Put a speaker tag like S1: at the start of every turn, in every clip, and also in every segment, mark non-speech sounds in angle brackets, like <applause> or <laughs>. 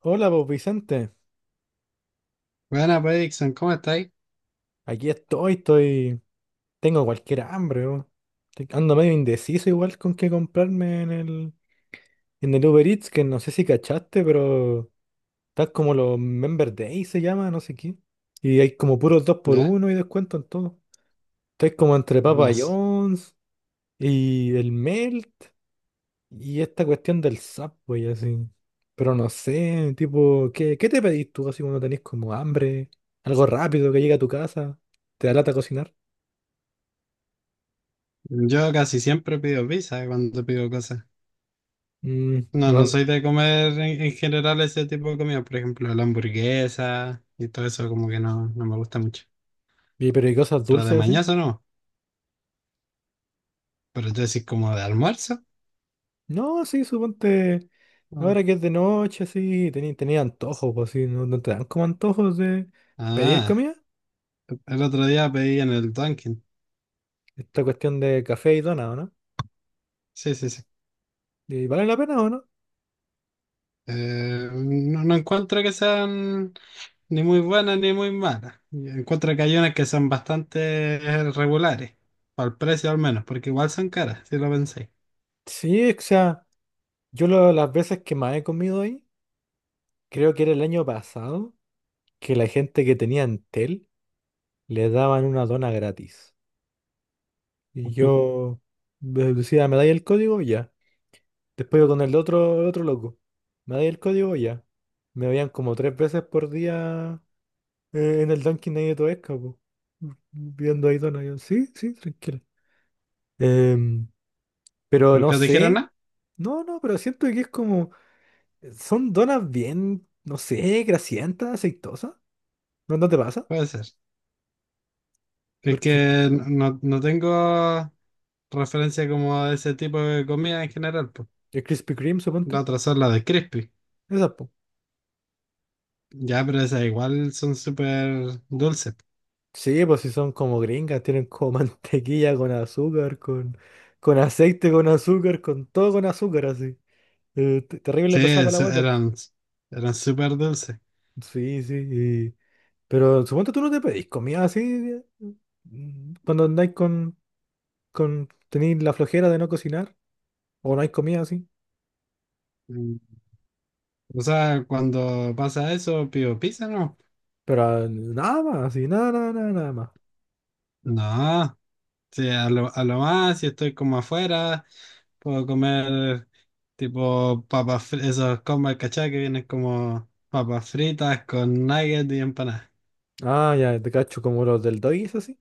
S1: Hola, pues Vicente.
S2: Buena, pues, Dixon, ¿cómo estáis?
S1: Aquí estoy. Tengo cualquier hambre, weón. Ando medio indeciso igual con qué comprarme en el Uber Eats, que no sé si cachaste, pero está como los Member Day se llama, no sé qué. Y hay como puros dos por
S2: ¿Ya?
S1: uno y descuento en todo. Estoy como entre Papa
S2: No sé.
S1: John's y el Melt y esta cuestión del Subway, así. Pero no sé, tipo, ¿qué te pedís tú así cuando tenés como hambre? Algo rápido que llegue a tu casa. ¿Te da lata cocinar?
S2: Yo casi siempre pido pizza, cuando pido cosas.
S1: Mm, y,
S2: No, no
S1: van-
S2: soy de comer en, en general ese tipo de comida. Por ejemplo, la hamburguesa y todo eso como que no me gusta mucho.
S1: pero ¿y cosas
S2: Pero de
S1: dulces así?
S2: mañana no. Pero yo decís como de almuerzo.
S1: No, sí, suponte.
S2: No.
S1: Ahora que es de noche, así, tenía antojos, pues sí, ¿no, no te dan como antojos de pedir
S2: Ah,
S1: comida?
S2: el otro día pedí en el Dunkin'.
S1: Esta cuestión de café y dona, ¿o no?
S2: Sí, sí, sí.
S1: ¿Y vale la pena o no?
S2: No, no encuentro que sean ni muy buenas ni muy malas. Yo encuentro que hay unas que son bastante regulares, para el precio al menos, porque igual son caras, si lo pensáis.
S1: Sí, o sea, las veces que más he comido ahí, creo que era el año pasado, que la gente que tenía Entel le daban una dona gratis. Y yo decía, ¿me dais el código? Ya. Después iba con el otro loco. Me dais el código ya. Me veían como tres veces por día en el Dunkin' ahí de Toesca, po. Viendo ahí Dona. Yo, sí, sí, tranquilo. Em, pero no
S2: ¿Nunca te dijeron
S1: sé.
S2: nada?
S1: No, no, pero siento que es como. Son donas bien, no sé, grasientas, aceitosas. ¿No, no te pasa?
S2: Puede ser. Es
S1: Porque
S2: que no, no tengo referencia como a ese tipo de comida en general, pues.
S1: el Krispy Kreme, suponte.
S2: La otra son las de crispy.
S1: Esas, po.
S2: Ya, pero esas igual son súper dulces.
S1: Sí, pues si son como gringas, tienen como <laughs> mantequilla con azúcar, con aceite, con azúcar, con todo con azúcar, así. Terrible
S2: Sí,
S1: le pasaba para la guata.
S2: eran, eran súper dulces.
S1: Sí, sí. Pero supongo tú no te pedís comida así cuando andáis con tenéis la flojera de no cocinar o no hay comida así.
S2: Mm. O sea, cuando pasa eso, pido pizza, ¿no?
S1: Pero ah, nada más, así, nada, nada, nada, nada más.
S2: No. Sí, a lo más, si estoy como afuera, puedo comer tipo papas, esos combos, ¿cachai? Que vienen como papas fritas con nuggets y empanadas.
S1: Ah, ya, te cacho como los del Doggies así.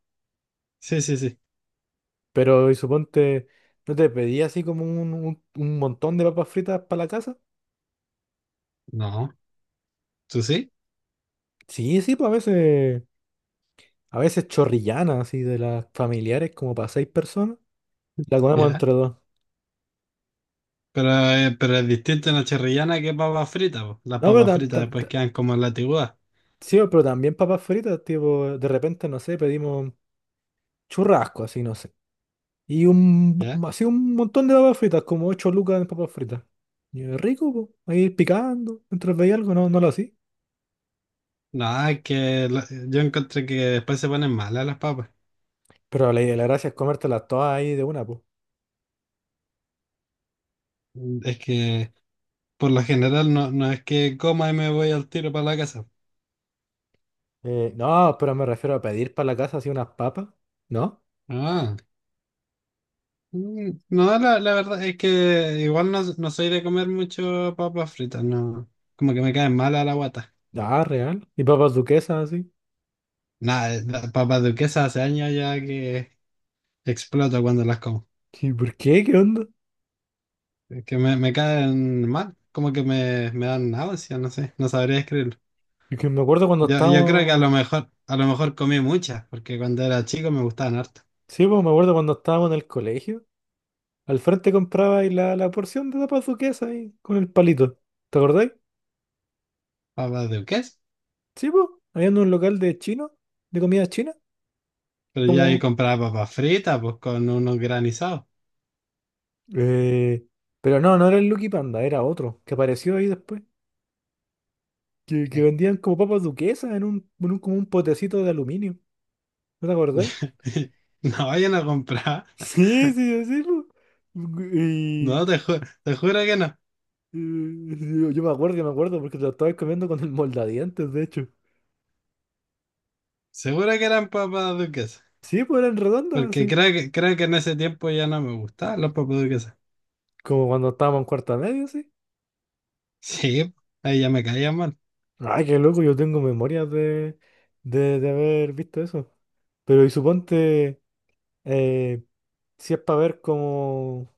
S2: Sí, sí, sí.
S1: Pero y suponte, ¿no te pedí así como un montón de papas fritas para la casa?
S2: No, tú sí,
S1: Sí, sí, pues a veces chorrillanas así de las familiares como para seis personas. La comemos
S2: ya.
S1: entre dos.
S2: Pero, pero es distinto en la chorrillana que papas fritas, po. Las
S1: No, pero
S2: papas fritas
S1: también.
S2: después quedan como en la tiguada,
S1: Sí, pero también papas fritas, tipo, de repente, no sé, pedimos churrasco, así, no sé. Y
S2: ¿ya?
S1: así un montón de papas fritas, como 8 lucas en papas fritas. Y es rico, po, ahí picando, mientras veía algo, no, no lo hacía.
S2: No, es que yo encontré que después se ponen malas las papas.
S1: Pero la gracia es comértelas todas ahí de una, po.
S2: Es que por lo general no, no es que coma y me voy al tiro para la casa.
S1: No, pero me refiero a pedir para la casa así unas papas, ¿no?
S2: Ah. Mm, no, la verdad es que igual no, no soy de comer mucho papas fritas, no. Como que me caen mal a la guata.
S1: Ah, real. Y papas duquesas, así.
S2: Nada, las papas duquesas hace años ya que exploto cuando las como.
S1: ¿Y por qué? ¿Qué onda?
S2: Es que me caen mal, como que me dan náuseas, no sé, no sabría escribirlo.
S1: Y que me acuerdo cuando
S2: Yo creo que a
S1: estábamos…
S2: lo mejor, a lo mejor comí muchas, porque cuando era chico me gustaban harto
S1: Sí, pues me acuerdo cuando estábamos en el colegio. Al frente comprabais la porción de papas duquesa ahí con el palito. ¿Te acordáis?
S2: papas duquesas.
S1: Sí, pues. Había un local de chino, de comida china,
S2: Pero ya ahí
S1: como…
S2: compraba papas fritas, pues con unos granizados.
S1: eh, pero no, no era el Lucky Panda, era otro, que apareció ahí después. Que
S2: Ok.
S1: vendían como papas duquesas en como un potecito de aluminio. ¿No te acordáis? <laughs>
S2: <laughs> No, vayan a comprar.
S1: Sí, sí, sí, po. Y,
S2: No, te juro que no.
S1: yo me acuerdo, yo me acuerdo, porque te lo estabas comiendo con el moldadientes, de hecho.
S2: Seguro que eran papas duquesas.
S1: Sí, pues eran redondas,
S2: Porque
S1: así.
S2: creo que en ese tiempo ya no me gustaban las papas duquesas.
S1: Como cuando estábamos en cuarta media, sí.
S2: Sí, ahí ya me caían mal.
S1: Ay, qué loco, yo tengo memorias de, de haber visto eso. Pero y suponte, eh, si es para ver como…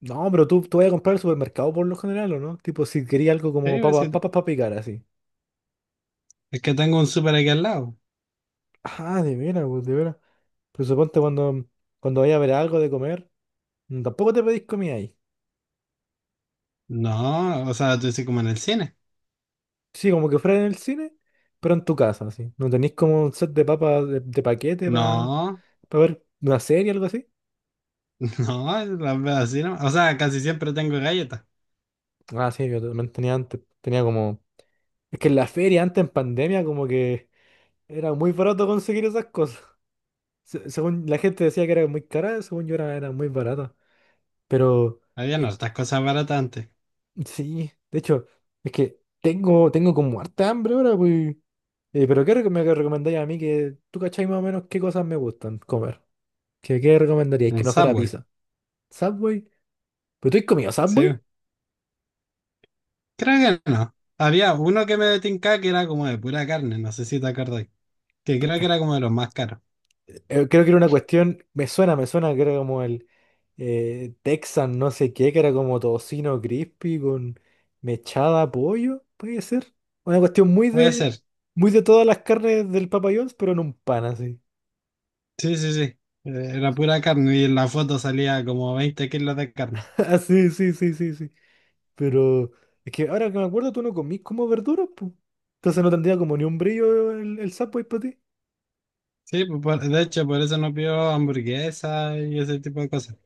S1: No, pero tú vas a comprar al supermercado por lo general, ¿o no? Tipo, si quería algo
S2: Sí,
S1: como
S2: pues
S1: papas
S2: sí,
S1: papas para picar, así.
S2: es que tengo un súper aquí al lado.
S1: Ah, de veras, pues, de veras. Pero suponte cuando, cuando vayas a ver algo de comer, tampoco te pedís comida ahí.
S2: No, o sea, tú dices como en el cine.
S1: Sí, como que fuera en el cine, pero en tu casa, así. ¿No tenéis como un set de papas de paquete para
S2: No,
S1: ver una serie o algo así?
S2: <laughs> no, las veo así, ¿no? O sea, casi siempre tengo galletas.
S1: Ah, sí, yo también tenía antes. Tenía como… Es que en la feria antes en pandemia como que era muy barato conseguir esas cosas. Según la gente decía que era muy cara, según yo era muy barata. Pero
S2: Había no
S1: eh,
S2: estas cosas baratas antes.
S1: sí, de hecho, es que tengo como harta hambre ahora, pues. Pero ¿qué me recomendáis a mí que tú cacháis más o menos qué cosas me gustan comer? ¿Qué recomendaríais
S2: Un
S1: que no fuera
S2: Subway,
S1: pizza? ¿Subway? ¿Pero tú has comido
S2: sí.
S1: Subway?
S2: Creo que no. Había uno que me tincaba que era como de pura carne, no sé si te acordás. Que creo que era como de los más caros.
S1: Creo que era una cuestión, me suena que era como el Texan no sé qué, que era como tocino crispy con mechada pollo, puede ser. Una cuestión
S2: Puede ser.
S1: muy de todas las carnes del Papa John's, pero en un pan así.
S2: Sí, sí, sí. Era
S1: Sí.
S2: pura carne y en la foto salía como 20 kilos de carne.
S1: <laughs> Ah, sí, sí, sí, sí, sí. Pero es que ahora que me acuerdo, tú no comís como verduras, pues. Entonces no tendría como ni un brillo el Subway para ti.
S2: Sí, pues, de hecho, por eso no pido hamburguesa y ese tipo de cosas.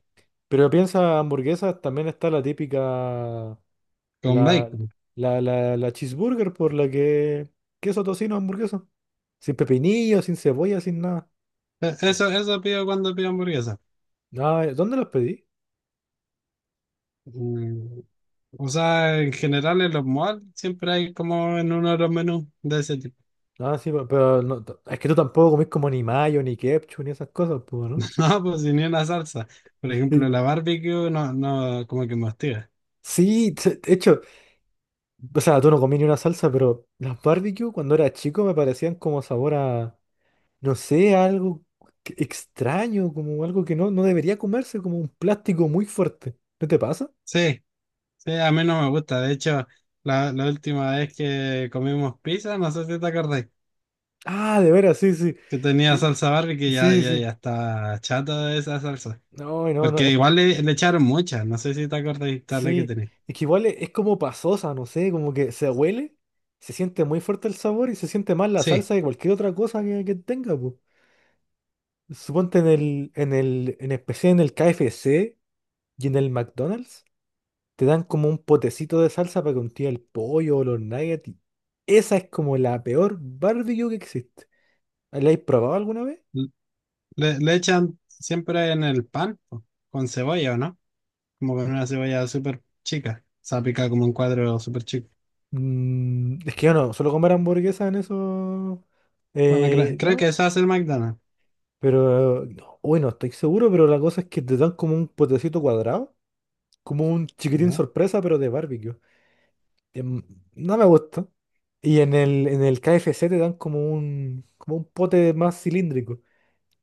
S1: Pero piensa hamburguesas, también está la típica.
S2: Con
S1: La,
S2: bacon.
S1: la cheeseburger por la que queso tocino hamburguesa. Sin pepinillo, sin cebolla, sin nada. Oh.
S2: Eso, eso pido cuando pido hamburguesa.
S1: Ah, ¿dónde las pedí?
S2: Mm, o sea, en general en los malls siempre hay como en uno de los menús de ese tipo.
S1: Ah, sí, pero no, es que tú tampoco comís como ni mayo, ni ketchup, ni esas cosas, pues, ¿no?
S2: <laughs> No, pues sin ni una salsa. Por
S1: Y-
S2: ejemplo, la barbecue no, no, como que me hostiga.
S1: Sí, de hecho, o sea, tú no comí ni una salsa, pero las barbecue cuando era chico me parecían como sabor a, no sé, a algo extraño, como algo que no, no debería comerse, como un plástico muy fuerte. ¿No te pasa?
S2: Sí, sí, a mí no me gusta. De hecho, la última vez que comimos pizza, no sé si te acordás.
S1: Ah, de veras, sí, sí.
S2: Que tenía
S1: Que-
S2: salsa Barbie que
S1: sí, sí.
S2: ya está chata de esa salsa.
S1: No, no, no,
S2: Porque
S1: es
S2: igual
S1: que
S2: le echaron mucha, no sé si te acuerdas de la que
S1: sí.
S2: tenía.
S1: Es que igual es como pasosa, no sé, como que se huele, se siente muy fuerte el sabor y se siente más la
S2: Sí,
S1: salsa que cualquier otra cosa que tenga, pues. Suponte en en especial en el KFC y en el McDonald's, te dan como un potecito de salsa para que untía el pollo o los nuggets. Esa es como la peor barbecue que existe. ¿La habéis probado alguna vez?
S2: le echan siempre en el pan, po, con cebolla, ¿o no? Como con una cebolla súper chica, se pica como un cuadro súper chico.
S1: Es que yo no, suelo comer hamburguesas en esos
S2: Bueno, creo
S1: lados.
S2: que eso hace el McDonald's,
S1: Pero, no, uy, no estoy seguro, pero la cosa es que te dan como un potecito cuadrado, como un chiquitín
S2: ¿ya?
S1: sorpresa, pero de barbecue. Em, no me gusta. Y en el KFC te dan como como un pote más cilíndrico,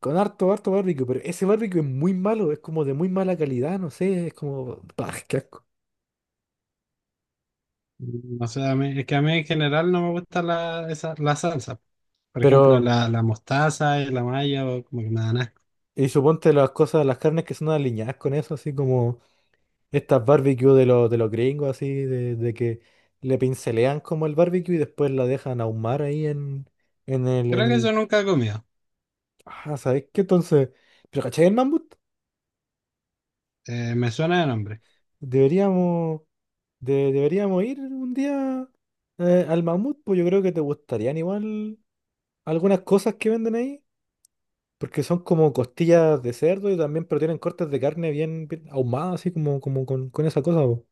S1: con harto, harto barbecue, pero ese barbecue es muy malo, es como de muy mala calidad, no sé, es como, bah, qué asco.
S2: Mm, no sé, es que a mí en general no me gusta la, esa, la salsa. Por ejemplo,
S1: Pero,
S2: la mostaza y la mayo, como que me dan asco.
S1: y suponte las cosas, las carnes que son alineadas con eso, así como estas barbecue de los gringos, así, de que le pincelean como el barbecue y después la dejan ahumar ahí en el, en
S2: Creo que eso
S1: el...
S2: nunca he comido.
S1: Ah, ¿sabes qué? Entonces, ¿pero cachai el mamut?
S2: Me suena de nombre.
S1: Deberíamos, deberíamos ir un día al mamut, pues yo creo que te gustarían igual algunas cosas que venden ahí, porque son como costillas de cerdo y también, pero tienen cortes de carne bien, bien ahumadas, así como, como con esa cosa, po.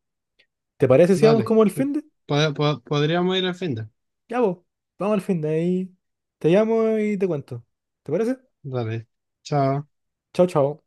S1: ¿Te parece si vamos
S2: Dale.
S1: como el fin?
S2: Podríamos ir al fin de.
S1: Ya vos, vamos al fin de ahí. Te llamo y te cuento. ¿Te parece?
S2: Dale. Chao.
S1: Chao, chao.